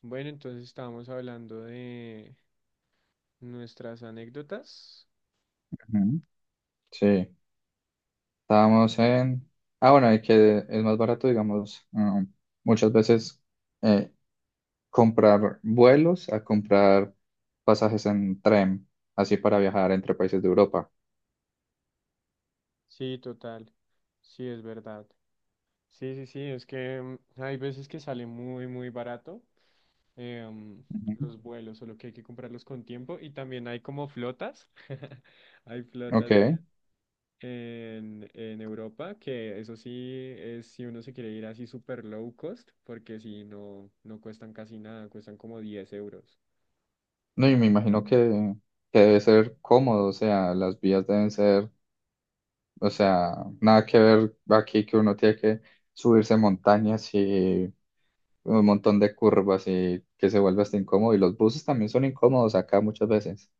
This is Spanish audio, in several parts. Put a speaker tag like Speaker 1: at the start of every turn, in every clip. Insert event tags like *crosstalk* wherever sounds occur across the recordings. Speaker 1: Bueno, entonces estábamos hablando de nuestras anécdotas.
Speaker 2: Ujú. Sí, estábamos en... Ah, bueno, y que es más barato, digamos, muchas veces eh, comprar vuelos a comprar pasajes en tren, así para viajar entre países de Europa.
Speaker 1: Sí, total. Sí, es verdad. Sí, sí, sí, es que hay veces que sale muy, muy barato em,
Speaker 2: Ujú.
Speaker 1: los vuelos, solo que hay que comprarlos con tiempo. Y también hay como flotas. *laughs* Hay
Speaker 2: Ok,
Speaker 1: flotas e- en Europa, que eso sí es si uno se quiere ir así super low cost, porque si no, no cuestan casi nada, cuestan como 10 euros. O
Speaker 2: no, y me
Speaker 1: sea,
Speaker 2: imagino que debe
Speaker 1: barato.
Speaker 2: ser cómodo, o sea, las vías deben ser... O sea, nada que ver aquí que uno tiene que subirse montañas y un montón de curvas y que se vuelve hasta incómodo. Y los buses también son incómodos acá muchas veces.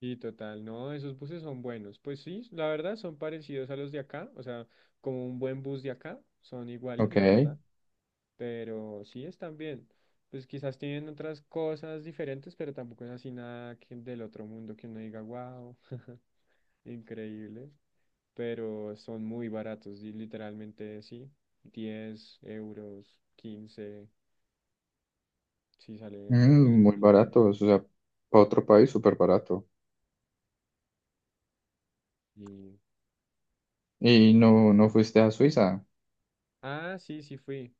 Speaker 1: Y total, no, esos buses son buenos. Pues sí, la verdad son parecidos a los de acá, o sea, como un buen bus de acá, son iguales,
Speaker 2: Ok.
Speaker 1: la verdad, pero sí están bien. Pues quizás tienen otras cosas diferentes, pero tampoco es así nada que del otro mundo que uno diga, wow, *laughs* increíble. Pero son muy baratos, y literalmente sí, 10 euros, 15 sí sale, sale
Speaker 2: Mm,
Speaker 1: muy
Speaker 2: muy
Speaker 1: económico.
Speaker 2: baratos, o sea, para otro país súper barato.
Speaker 1: Y...
Speaker 2: Y no, no fuiste a Suiza.
Speaker 1: Ah, sí, sí fui.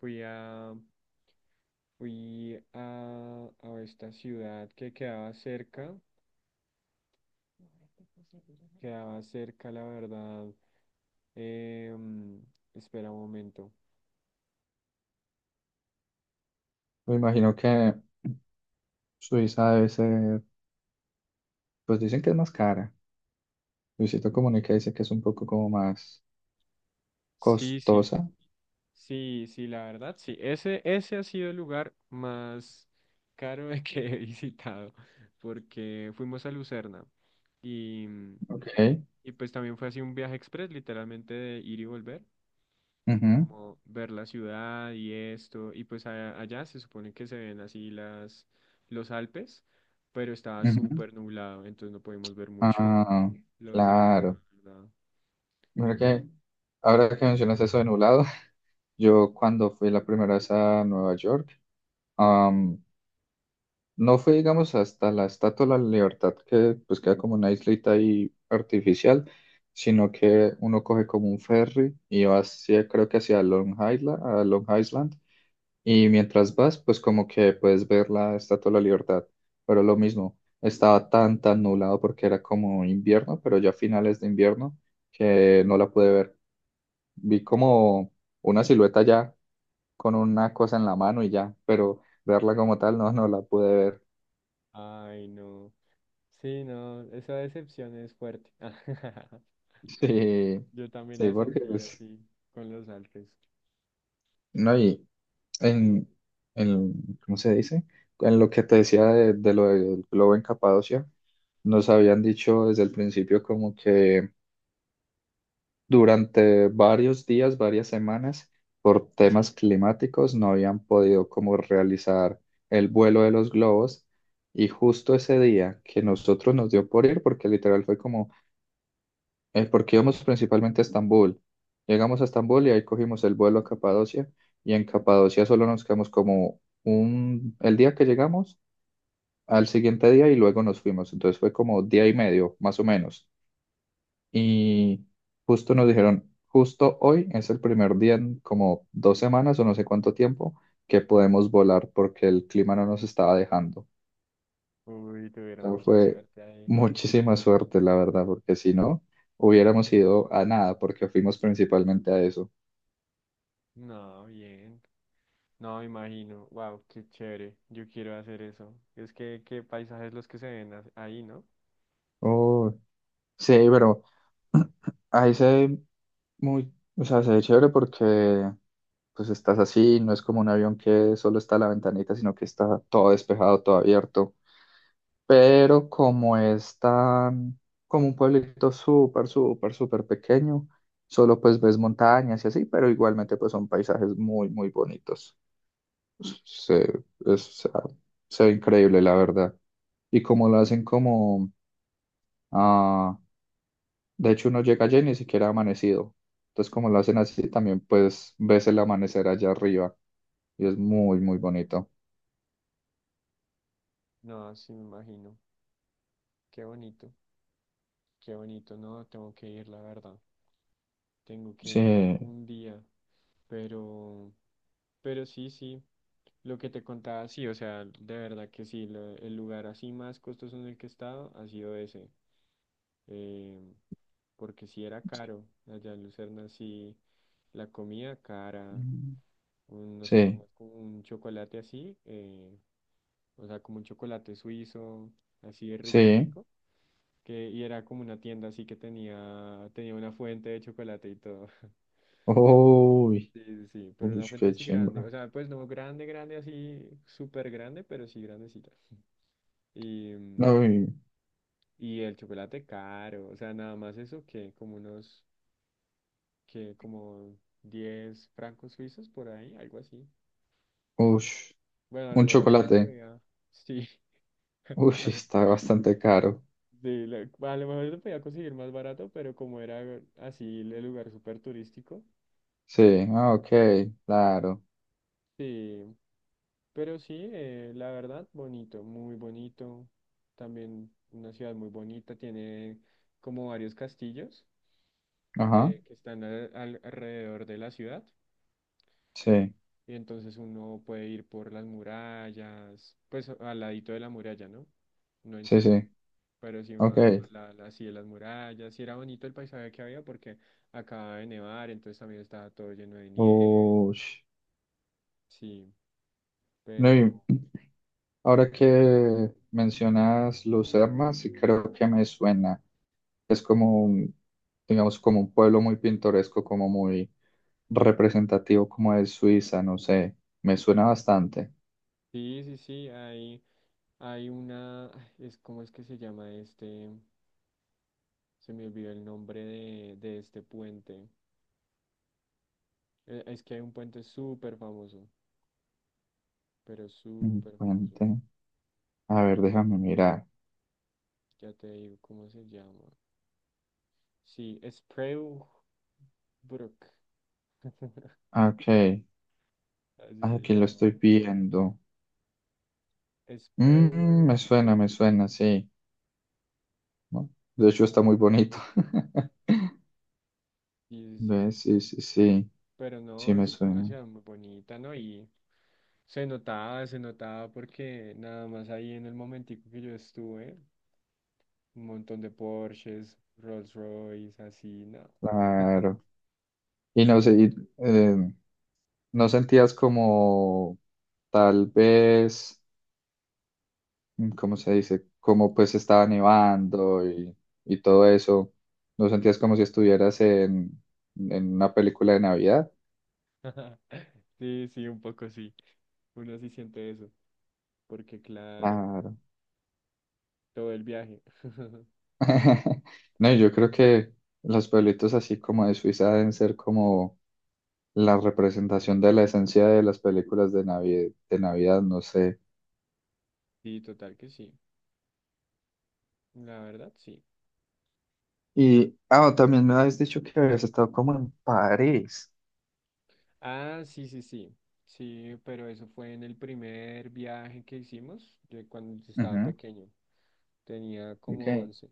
Speaker 1: Fui a Fui a esta ciudad que quedaba cerca, la verdad. em, Espera un momento.
Speaker 2: Me imagino que Suiza debe ser, pues dicen que es más cara. Luisito Comunica dice que es un poco como más
Speaker 1: Sí, sí,
Speaker 2: costosa.
Speaker 1: sí, sí, la verdad, sí. Ese ha sido el lugar más caro *laughs* que he visitado, porque fuimos a Lucerna y,
Speaker 2: Ok.
Speaker 1: y pues también fue así un viaje express, literalmente de ir y volver.
Speaker 2: Ujú,
Speaker 1: Como ver la ciudad y esto, y pues allá se supone que se ven así las, los Alpes, pero estaba
Speaker 2: ujú.
Speaker 1: súper nublado, entonces no pudimos ver mucho
Speaker 2: Ah,
Speaker 1: *laughs* los Alpes, la
Speaker 2: claro.
Speaker 1: verdad.
Speaker 2: Mira que ahora que mencionas eso de nublado, *laughs* yo cuando fui la primera vez a Nueva York, am, no fui, digamos, hasta la Estatua de la Libertad, que pues queda como una islita ahí artificial, sino que uno coge como un ferry y va hacia, creo que hacia Long Island, a Long Island, y mientras vas, pues como que puedes ver la Estatua de la Libertad, pero lo mismo, estaba tan nublado porque era como invierno, pero ya finales de invierno, que no la pude ver. Vi como una silueta ya con una cosa en la mano y ya, pero verla como tal no, no la pude ver. *laughs*
Speaker 1: Ay, no. Sí, no, esa decepción es fuerte. *laughs*
Speaker 2: Sí,
Speaker 1: Yo también
Speaker 2: sí,
Speaker 1: la
Speaker 2: porque
Speaker 1: sentí
Speaker 2: pues,
Speaker 1: así con los Alpes.
Speaker 2: no, y en, en, ¿cómo se dice? En lo que te decía de lo del globo en Capadocia, nos habían dicho desde el principio como que durante varios días, varias semanas, por temas climáticos, no habían podido como realizar el vuelo de los globos. Y justo ese día que nosotros nos dio por ir, porque literal fue como, porque íbamos principalmente a Estambul. Llegamos a Estambul y ahí cogimos el vuelo a Capadocia. Y en Capadocia solo nos quedamos como un, el día que llegamos, al siguiente día y luego nos fuimos. Entonces fue como día y medio, más o menos, y justo nos dijeron, justo hoy es el primer día en como dos semanas o no sé cuánto tiempo que podemos volar porque el clima no nos estaba dejando. O
Speaker 1: Uy, tuvieron
Speaker 2: sea,
Speaker 1: mucha
Speaker 2: fue
Speaker 1: suerte ahí.
Speaker 2: muchísima suerte, la verdad, porque si no, hubiéramos ido a nada porque fuimos principalmente a eso.
Speaker 1: No, bien. No, me imagino. Wow, qué chévere. Yo quiero hacer eso. Es que qué paisajes los que se ven ahí, ¿no?
Speaker 2: Oh, sí, pero ahí se ve muy, o sea, se ve chévere porque pues estás así, no es como un avión que solo está a la ventanita, sino que está todo despejado, todo abierto. Pero como es tan, como un pueblito súper, súper, súper pequeño, solo pues ves montañas y así, pero igualmente pues son paisajes muy, muy bonitos. Se, es- o sea, se ve increíble, la verdad. Y como lo hacen como, ah, de hecho uno llega allá y ni siquiera ha amanecido. Entonces como lo hacen así, también pues ves el amanecer allá arriba y es muy, muy bonito.
Speaker 1: No, sí me imagino. Qué bonito, qué bonito. No, tengo que ir, la verdad. Tengo que
Speaker 2: Sí,
Speaker 1: ir algún día. Pero, pero sí, sí. Lo que te contaba, sí, o sea, de verdad que sí. El lugar así más costoso en el que he estado ha sido ese. eh, Porque sí era caro. Allá en Lucerna sí, la comida cara. Unos
Speaker 2: sí,
Speaker 1: tomamos como un chocolate así. O sea, como un chocolate suizo, así de rico,
Speaker 2: sí.
Speaker 1: rico. Que, y era como una tienda así que tenía una fuente de chocolate y todo. *laughs*
Speaker 2: Uy,
Speaker 1: Sí, sí, sí, pero
Speaker 2: uy,
Speaker 1: una fuente
Speaker 2: qué
Speaker 1: así grande. O
Speaker 2: chimba.
Speaker 1: sea, pues no grande, grande, así súper grande, pero sí grandecita. *laughs* Y,
Speaker 2: Uy,
Speaker 1: y el chocolate caro, o sea, nada más eso que como unos, que como 10 francos suizos por ahí, algo así.
Speaker 2: ush,
Speaker 1: Bueno, a lo
Speaker 2: un
Speaker 1: mejor se
Speaker 2: chocolate.
Speaker 1: podía, sí,
Speaker 2: Uy, está bastante caro.
Speaker 1: *laughs* sí, a lo mejor se podía conseguir más barato, pero como era así el lugar súper turístico,
Speaker 2: Sí, ah, ok, claro.
Speaker 1: sí. Pero sí, la verdad, bonito, muy bonito. También una ciudad muy bonita, tiene como varios castillos
Speaker 2: Ajá,
Speaker 1: que están alrededor de la ciudad.
Speaker 2: sí,
Speaker 1: Y entonces uno puede ir por las murallas, pues al ladito de la muralla, ¿no? No
Speaker 2: sí,
Speaker 1: encima,
Speaker 2: sí,
Speaker 1: pero si uno
Speaker 2: ok.
Speaker 1: va como a así de las murallas. Y era bonito el paisaje que había porque acababa de nevar, entonces también estaba todo lleno de nieve.
Speaker 2: Ush.
Speaker 1: Sí,
Speaker 2: No, y
Speaker 1: pero...
Speaker 2: ahora que mencionas Lucerna, sí creo que me suena. Es como un, digamos, como un pueblo muy pintoresco, como muy representativo, como de Suiza, no sé. Me suena bastante.
Speaker 1: Sí, sí, sí, hay una, ay, es cómo es que se llama este, se me olvidó el nombre de este puente. Es que hay un puente súper famoso, pero
Speaker 2: Un
Speaker 1: súper famoso.
Speaker 2: puente. A ver, déjame mirar.
Speaker 1: Ya te digo cómo se llama. Sí, Spreeuw Brook,
Speaker 2: Ok.
Speaker 1: así se
Speaker 2: Aquí lo
Speaker 1: llama.
Speaker 2: estoy viendo. Mm,
Speaker 1: Spreeuwer Brook,
Speaker 2: me suena, sí. ¿No? De hecho, está muy bonito. *laughs*
Speaker 1: sí, sí, sí.
Speaker 2: ¿Ves? Sí, sí, sí.
Speaker 1: Pero
Speaker 2: Sí,
Speaker 1: no,
Speaker 2: me
Speaker 1: es una
Speaker 2: suena.
Speaker 1: ciudad muy bonita, ¿no? Y se notaba porque nada más ahí en el momentico que yo estuve. Un montón de Porsches, Rolls Royce, así, no.
Speaker 2: Claro. Y no sé, y, eh, ¿no sentías como tal vez, mm, ¿cómo se dice? Como pues estaba nevando y todo eso. ¿No sentías como si estuvieras en una película de Navidad?
Speaker 1: *laughs* Sí, sí, un poco sí. Uno sí siente eso, porque claro,
Speaker 2: Claro.
Speaker 1: todo el viaje. *laughs*
Speaker 2: *laughs* No, yo creo que los pueblitos así como de Suiza deben ser como la representación de la esencia de las películas de Navidad, no sé.
Speaker 1: Sí, total que sí. La verdad, sí.
Speaker 2: Y, ah, también me habías dicho que habías estado como en París.
Speaker 1: Ah, sí, sí, sí. Sí, pero eso fue en el primer viaje que hicimos, yo cuando estaba
Speaker 2: Ujú,
Speaker 1: pequeño. Tenía como
Speaker 2: ok.
Speaker 1: 11,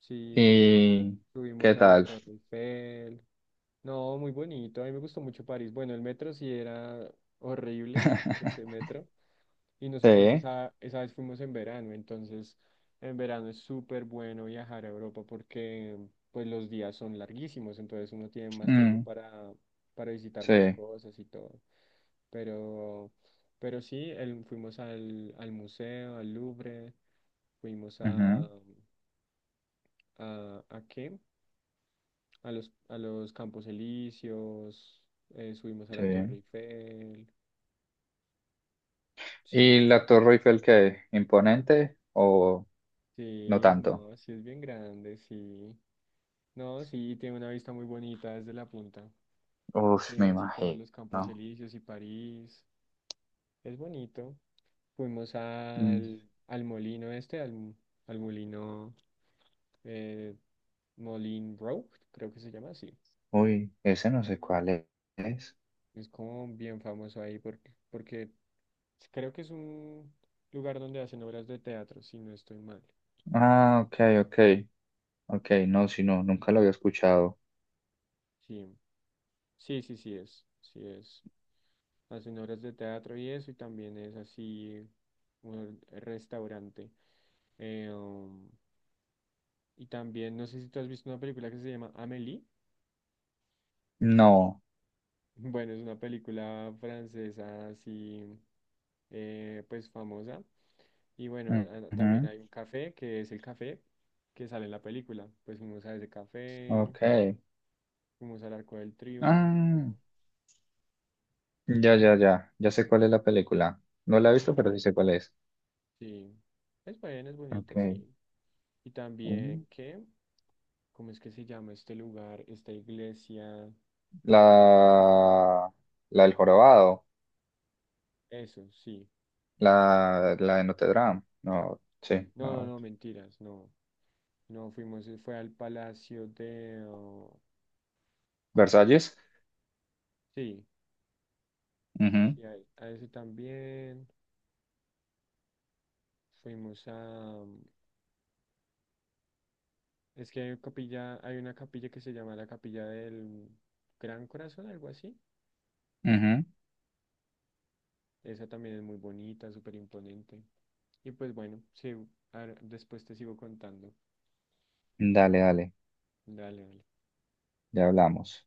Speaker 1: sí,
Speaker 2: ¿Y qué
Speaker 1: subimos a la
Speaker 2: tal?
Speaker 1: Torre Eiffel. No, muy bonito. A mí me gustó mucho París. Bueno, el metro sí era horrible, *laughs* ese
Speaker 2: *laughs*
Speaker 1: metro. Y nosotros
Speaker 2: Sí.
Speaker 1: esa vez fuimos en verano, entonces en verano es súper bueno viajar a Europa porque pues los días son larguísimos, entonces uno tiene más tiempo
Speaker 2: Mm,
Speaker 1: para visitar más
Speaker 2: sí.
Speaker 1: cosas y todo. Pero, pero sí, fuimos al museo, al Louvre, fuimos
Speaker 2: Ujú,
Speaker 1: a, ¿a qué? A a los Campos Elíseos, subimos a
Speaker 2: sí.
Speaker 1: la Torre Eiffel,
Speaker 2: ¿Y
Speaker 1: sí.
Speaker 2: la Torre Eiffel qué? ¿Imponente o no
Speaker 1: Sí,
Speaker 2: tanto?
Speaker 1: no, sí es bien grande, sí. No, sí, tiene una vista muy bonita desde la punta.
Speaker 2: Uf, me
Speaker 1: Así todos los
Speaker 2: imagino.
Speaker 1: Campos Elíseos y París. Es bonito. Fuimos al molino este, al, al molino eh, Moulin Rouge, creo que se llama así.
Speaker 2: Uy, ese no sé cuál es.
Speaker 1: Es como bien famoso ahí porque, porque creo que es un lugar donde hacen obras de teatro, si no estoy mal.
Speaker 2: Ah, ok, ok, ok, no, si no, nunca lo había escuchado.
Speaker 1: Sí, sí, sí, sí es. Sí es. Hacen horas de teatro y eso, y también es así un restaurante. Eh, um, y también, no sé si tú has visto una película que se llama Amélie. *laughs*
Speaker 2: No.
Speaker 1: Bueno, es una película francesa así, pues famosa. Y bueno, también
Speaker 2: Ujú,
Speaker 1: hay un café, que es el café que sale en la película. Pues fuimos a ese café,
Speaker 2: ok.
Speaker 1: fuimos al Arco del
Speaker 2: Ah,
Speaker 1: Triunfo.
Speaker 2: ya, ya, ya, ya sé cuál es la película. No la he visto, pero sí sé cuál es.
Speaker 1: Sí, es bueno, es bonito,
Speaker 2: Ok.
Speaker 1: sí. Y
Speaker 2: Mm.
Speaker 1: también, ¿qué? ¿Cómo es que se llama este lugar, esta iglesia?
Speaker 2: La, la del jorobado,
Speaker 1: Eso, sí.
Speaker 2: la de Notre Dame. No, sí,
Speaker 1: No, no,
Speaker 2: no.
Speaker 1: no, mentiras, no. No fuimos, fue al Palacio de... oh, ¿cómo es?
Speaker 2: Versalles.
Speaker 1: Sí,
Speaker 2: Ujú,
Speaker 1: sí, a ese también. Fuimos a... mm, es que hay capilla, hay una capilla que se llama la Capilla del Gran Corazón, algo así.
Speaker 2: ujú.
Speaker 1: Esa también es muy bonita, súper imponente. Y pues bueno, sí, después te sigo contando.
Speaker 2: Dale, dale,
Speaker 1: Dale, dale.
Speaker 2: ya hablamos.